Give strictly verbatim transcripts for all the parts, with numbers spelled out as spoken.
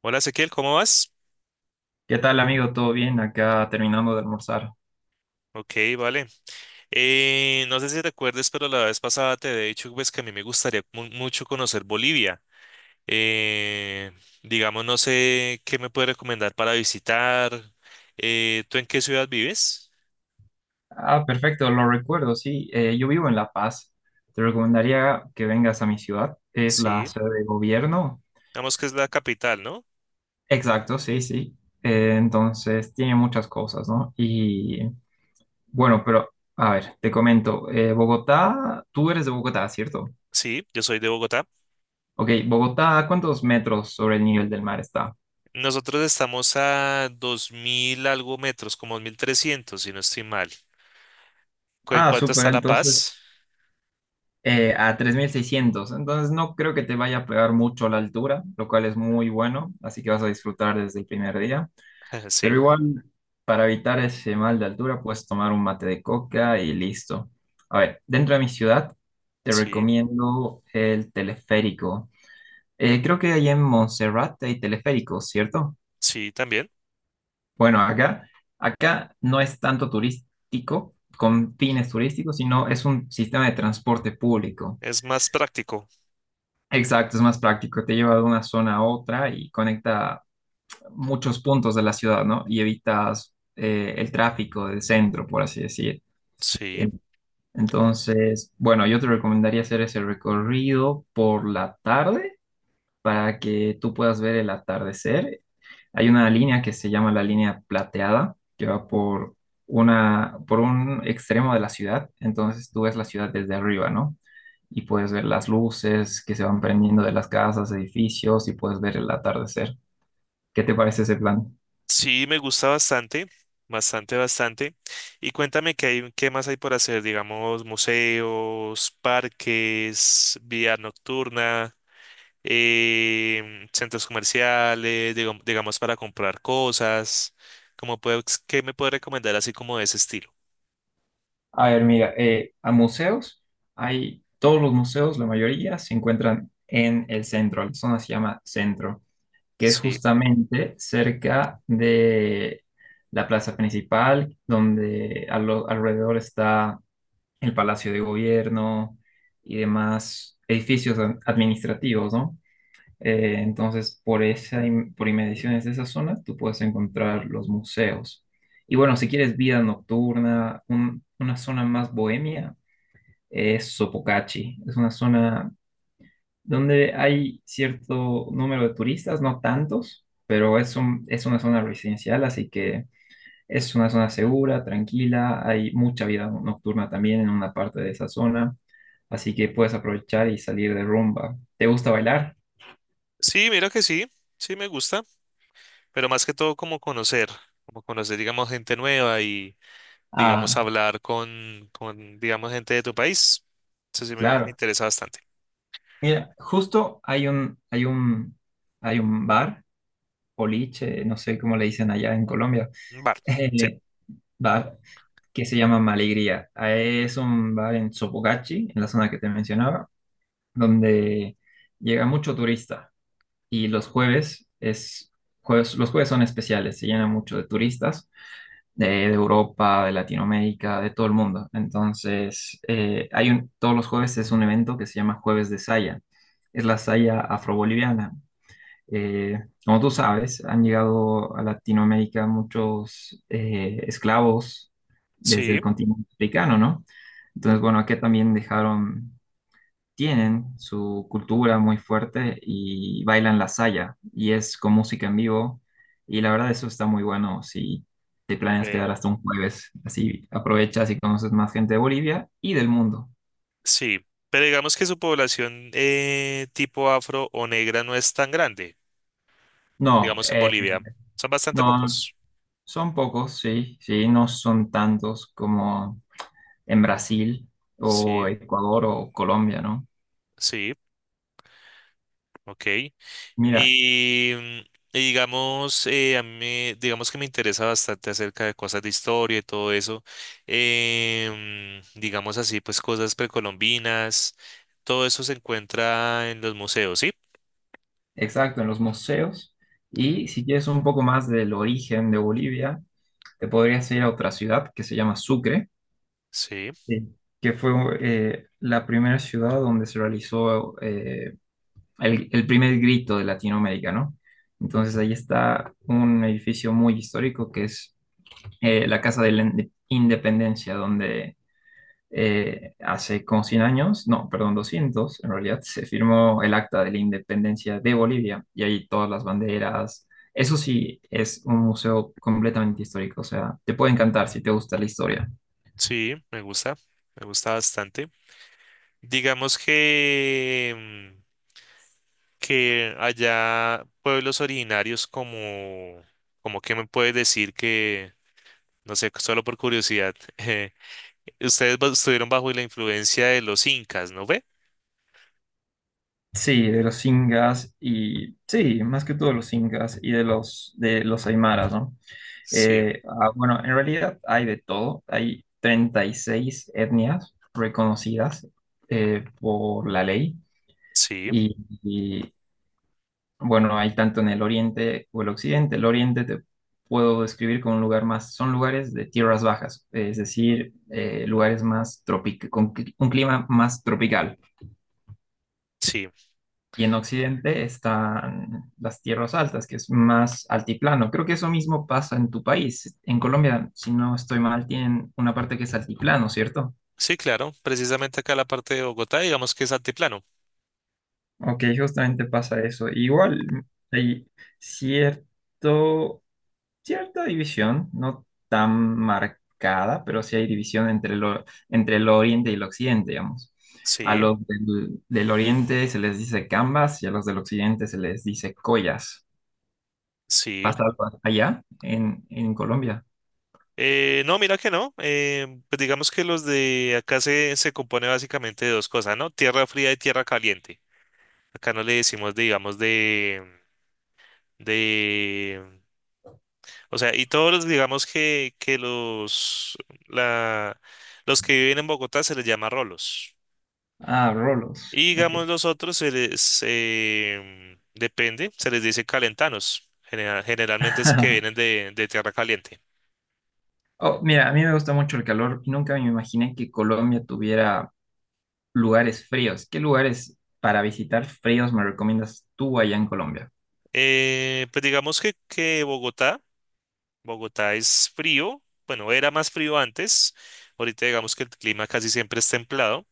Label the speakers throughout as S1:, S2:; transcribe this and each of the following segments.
S1: Hola, Ezequiel, ¿cómo vas?
S2: ¿Qué tal, amigo? ¿Todo bien? Acá terminando de almorzar.
S1: Ok, vale. Eh, no sé si te acuerdas, pero la vez pasada te he dicho, pues, que a mí me gustaría mu- mucho conocer Bolivia. Eh, digamos, no sé qué me puedes recomendar para visitar. Eh, ¿tú en qué ciudad vives?
S2: Ah, perfecto, lo recuerdo, sí. Eh, yo vivo en La Paz. Te recomendaría que vengas a mi ciudad. Es la
S1: Sí,
S2: sede de gobierno.
S1: digamos que es la capital, ¿no?
S2: Exacto, sí, sí. Eh, entonces, tiene muchas cosas, ¿no? Y bueno, pero a ver, te comento. Eh, Bogotá, tú eres de Bogotá, ¿cierto?
S1: Sí, yo soy de Bogotá.
S2: Ok, Bogotá, ¿cuántos metros sobre el nivel del mar está?
S1: Nosotros estamos a dos mil algo metros, como dos mil trescientos, si no estoy mal. ¿Cu- ¿En
S2: Ah,
S1: cuánto
S2: súper,
S1: está La
S2: entonces,
S1: Paz?
S2: eh, a tres mil seiscientos. Entonces no creo que te vaya a pegar mucho la altura, lo cual es muy bueno, así que vas a disfrutar desde el primer día. Pero
S1: Sí,
S2: igual, para evitar ese mal de altura, puedes tomar un mate de coca y listo. A ver, dentro de mi ciudad, te
S1: sí,
S2: recomiendo el teleférico. Eh, creo que ahí en Montserrat hay teleféricos, ¿cierto?
S1: sí, también.
S2: Bueno, acá, acá no es tanto turístico, con fines turísticos, sino es un sistema de transporte público.
S1: Es más práctico.
S2: Exacto, es más práctico, te lleva de una zona a otra y conecta muchos puntos de la ciudad, ¿no? Y evitas eh, el tráfico del centro, por así decir.
S1: Sí.
S2: En- Entonces, bueno, yo te recomendaría hacer ese recorrido por la tarde para que tú puedas ver el atardecer. Hay una línea que se llama la línea plateada, que va por una, por un extremo de la ciudad, entonces tú ves la ciudad desde arriba, ¿no? Y puedes ver las luces que se van prendiendo de las casas, edificios y puedes ver el atardecer. ¿Qué te parece ese plan?
S1: Sí, me gusta bastante, bastante, bastante. Y cuéntame qué hay, qué más hay por hacer, digamos, museos, parques, vía nocturna, em, centros comerciales, digam- digamos, para comprar cosas. ¿Cómo puedo, qué me puede recomendar así como de ese estilo?
S2: A ver, mira, eh, a museos, hay todos los museos, la mayoría, se encuentran en el centro, la zona se llama centro, que es
S1: Sí,
S2: justamente cerca de la plaza principal, donde a lo- alrededor está el Palacio de Gobierno y demás edificios ad- administrativos, ¿no? Eh, entonces, por esa, im- por inmediaciones de esa zona, tú puedes encontrar los museos. Y bueno, si quieres vida nocturna, un- una zona más bohemia, es Sopocachi. Es una zona donde hay cierto número de turistas, no tantos, pero es un- es una zona residencial, así que es una zona segura, tranquila. Hay mucha vida nocturna también en una parte de esa zona, así que puedes aprovechar y salir de rumba. ¿Te gusta bailar?
S1: sí, mira que sí, sí me gusta, pero más que todo como conocer, como conocer, digamos, gente nueva y, digamos,
S2: Ah,
S1: hablar con, con, digamos, gente de tu país. Eso sí me me
S2: claro.
S1: interesa bastante.
S2: Mira, justo hay un, hay un, hay un bar, boliche, no sé cómo le dicen allá en Colombia,
S1: Vale, sí,
S2: eh, bar que se llama Malegría. Ah, es un bar en Sopogachi, en la zona que te mencionaba, donde llega mucho turista y los jueves es jueves, los jueves son especiales, se llena mucho de turistas de, de Europa, de Latinoamérica, de todo el mundo. Entonces, eh, hay un, todos los jueves es un evento que se llama Jueves de Saya, es la saya afroboliviana. Eh, Como tú sabes, han llegado a Latinoamérica muchos eh, esclavos desde el
S1: sí,
S2: continente africano, ¿no? Entonces, bueno, aquí también dejaron, tienen su cultura muy fuerte y bailan la saya y es con música en vivo y la verdad eso está muy bueno si te planeas
S1: ve,
S2: quedar hasta un jueves, así aprovechas y conoces más gente de Bolivia y del mundo.
S1: sí. Pero digamos que su población eh, tipo afro o negra no es tan grande,
S2: No,
S1: digamos, en
S2: eh,
S1: Bolivia. Son bastante
S2: no,
S1: pocos.
S2: son pocos, sí, sí, no son tantos como en Brasil
S1: Sí,
S2: o Ecuador o Colombia, ¿no?
S1: sí, ok.
S2: Mira,
S1: Y, mm, y digamos, eh, a mí, digamos que me interesa bastante acerca de cosas de historia y todo eso. Em, digamos así, pues, cosas precolombinas. Todo eso se encuentra en los museos, ¿sí?
S2: exacto, en los museos. Y si quieres un poco más del origen de Bolivia, te podrías ir a otra ciudad que se llama Sucre.
S1: Sí,
S2: Sí, que fue eh, la primera ciudad donde se realizó eh, el, el primer grito de Latinoamérica, ¿no? Entonces ahí está un edificio muy histórico que es eh, la Casa de la Inde- Independencia, donde eh, hace como cien años, no, perdón, doscientos en realidad, se firmó el Acta de la Independencia de Bolivia y ahí todas las banderas. Eso sí, es un museo completamente histórico, o sea, te puede encantar si te gusta la historia.
S1: sí, me gusta, me gusta bastante. Digamos que, mm, que allá pueblos originarios como, como que me puedes decir que, no sé, solo por curiosidad, eh, ustedes ba- estuvieron bajo la influencia de los incas, ¿no ve?
S2: Sí, de los incas y sí, más que todo los incas y de los, de los aymaras, ¿no?
S1: Sí,
S2: Eh, ah, bueno, en realidad hay de todo. Hay treinta y seis etnias reconocidas eh, por la ley.
S1: sí,
S2: Y, y, bueno, hay tanto en el oriente o el occidente. El oriente te puedo describir como un lugar más, son lugares de tierras bajas, es decir, eh, lugares más tropic, con cli- un clima más tropical.
S1: sí,
S2: Y en Occidente están las tierras altas, que es más altiplano. Creo que eso mismo pasa en tu país. En Colombia, si no estoy mal, tienen una parte que es altiplano, ¿cierto?
S1: sí, claro, precisamente acá la parte de Bogotá, digamos que es altiplano.
S2: Ok, justamente pasa eso. Igual hay cierto, cierta división, no tan marcada, pero sí hay división entre lo, entre el oriente y el occidente, digamos. A
S1: Sí,
S2: los del, del oriente se les dice cambas y a los del occidente se les dice collas.
S1: sí.
S2: ¿Pasa algo allá en, en Colombia?
S1: Eh, no, mira que no. Eh, pues digamos que los de acá se, se compone básicamente de dos cosas, ¿no? Tierra fría y tierra caliente. Acá no le decimos, digamos, de, de, o sea, y todos los, digamos que, que los, la, los que viven en Bogotá se les llama rolos.
S2: Ah, rolos.
S1: Y
S2: Ok.
S1: digamos los otros se les, em, depende, se les dice calentanos. General- generalmente es que vienen de, de tierra caliente.
S2: Oh, mira, a mí me gusta mucho el calor y nunca me imaginé que Colombia tuviera lugares fríos. ¿Qué lugares para visitar fríos me recomiendas tú allá en Colombia?
S1: Eh, pues digamos que, que Bogotá. Bogotá es frío, bueno, era más frío antes, ahorita digamos que el clima casi siempre es templado.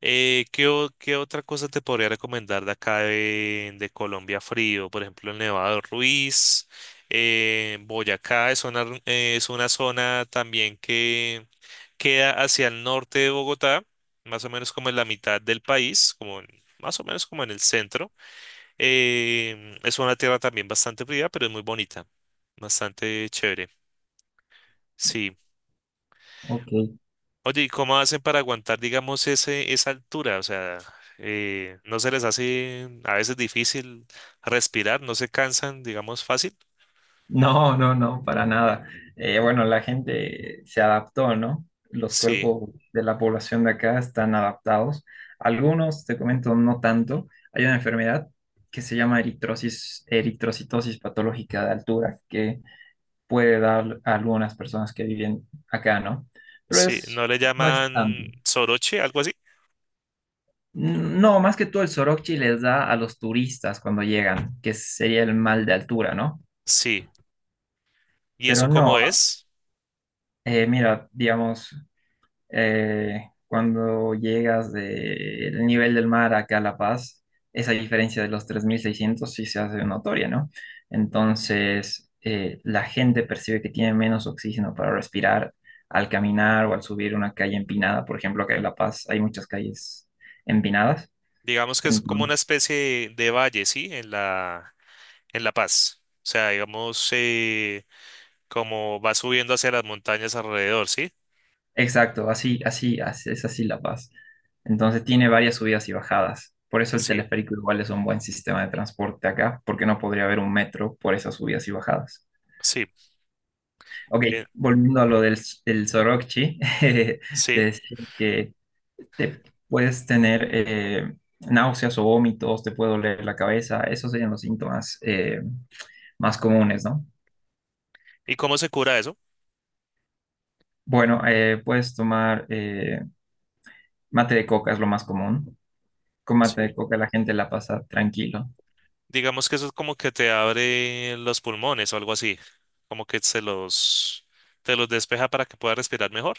S1: Eh, ¿qué, o- Qué otra cosa te podría recomendar de acá de, de Colombia frío? Por ejemplo, el Nevado Ruiz, eh, Boyacá es una, r- eh, es una zona también que queda hacia el norte de Bogotá, más o menos como en la mitad del país, como en- más o menos como en el centro. Em, es una tierra también bastante fría, pero es muy bonita, bastante chévere. Sí.
S2: Ok.
S1: Oye, ¿y cómo hacen para aguantar, digamos, ese, esa altura? O sea, eh, ¿no se les hace a veces difícil respirar? ¿No se cansan, digamos, fácil?
S2: No, no, no, para nada. Eh, bueno, la gente se adaptó, ¿no? Los
S1: Sí,
S2: cuerpos de la población de acá están adaptados. Algunos, te comento, no tanto. Hay una enfermedad que se llama eritrosis, eritrocitosis patológica de altura que puede dar a algunas personas que viven acá, ¿no? Pero
S1: sí. ¿No
S2: es,
S1: le
S2: no es tanto.
S1: llaman soroche, algo así?
S2: No, más que todo el soroche les da a los turistas cuando llegan, que sería el mal de altura, ¿no?
S1: Sí. ¿Y
S2: Pero
S1: eso cómo
S2: no,
S1: es?
S2: eh, mira, digamos, eh, cuando llegas del nivel del mar acá a La Paz, esa diferencia de los tres mil seiscientos sí se hace notoria, ¿no? Entonces, eh, la gente percibe que tiene menos oxígeno para respirar al caminar o al subir una calle empinada. Por ejemplo, acá en La Paz hay muchas calles empinadas.
S1: Digamos que es como una especie de, de valle, ¿sí? En la, en La Paz. O sea, digamos, eh, como va subiendo hacia las montañas alrededor, ¿sí?
S2: Exacto, así, así, así- es así La Paz. Entonces tiene varias subidas y bajadas. Por eso el
S1: Sí,
S2: teleférico igual es un buen sistema de transporte acá, porque no podría haber un metro por esas subidas y bajadas.
S1: sí,
S2: Ok,
S1: eh,
S2: volviendo a lo del, del Sorokchi, de
S1: sí.
S2: decir que te puedes tener eh, náuseas o vómitos, te puede doler la cabeza, esos serían los síntomas eh, más comunes, ¿no?
S1: ¿Y cómo se cura eso?
S2: Bueno, eh, puedes tomar eh, mate de coca, es lo más común. Con mate de
S1: Sí.
S2: coca la gente la pasa tranquilo.
S1: Digamos que eso es como que te abre los pulmones o algo así, como que se los, te los despeja para que puedas respirar mejor.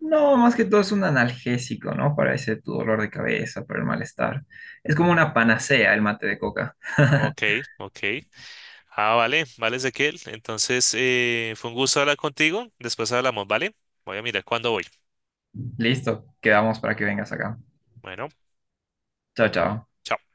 S2: No, más que todo es un analgésico, ¿no? Para ese tu dolor de cabeza, para el malestar. Es como una panacea el mate de coca.
S1: Ok, ok. Ah, vale, vale, Ezequiel. Entonces, eh, fue un gusto hablar contigo. Después hablamos, ¿vale? Voy a mirar cuándo voy.
S2: Listo, quedamos para que vengas acá.
S1: Bueno.
S2: Chao, chao.
S1: Chao.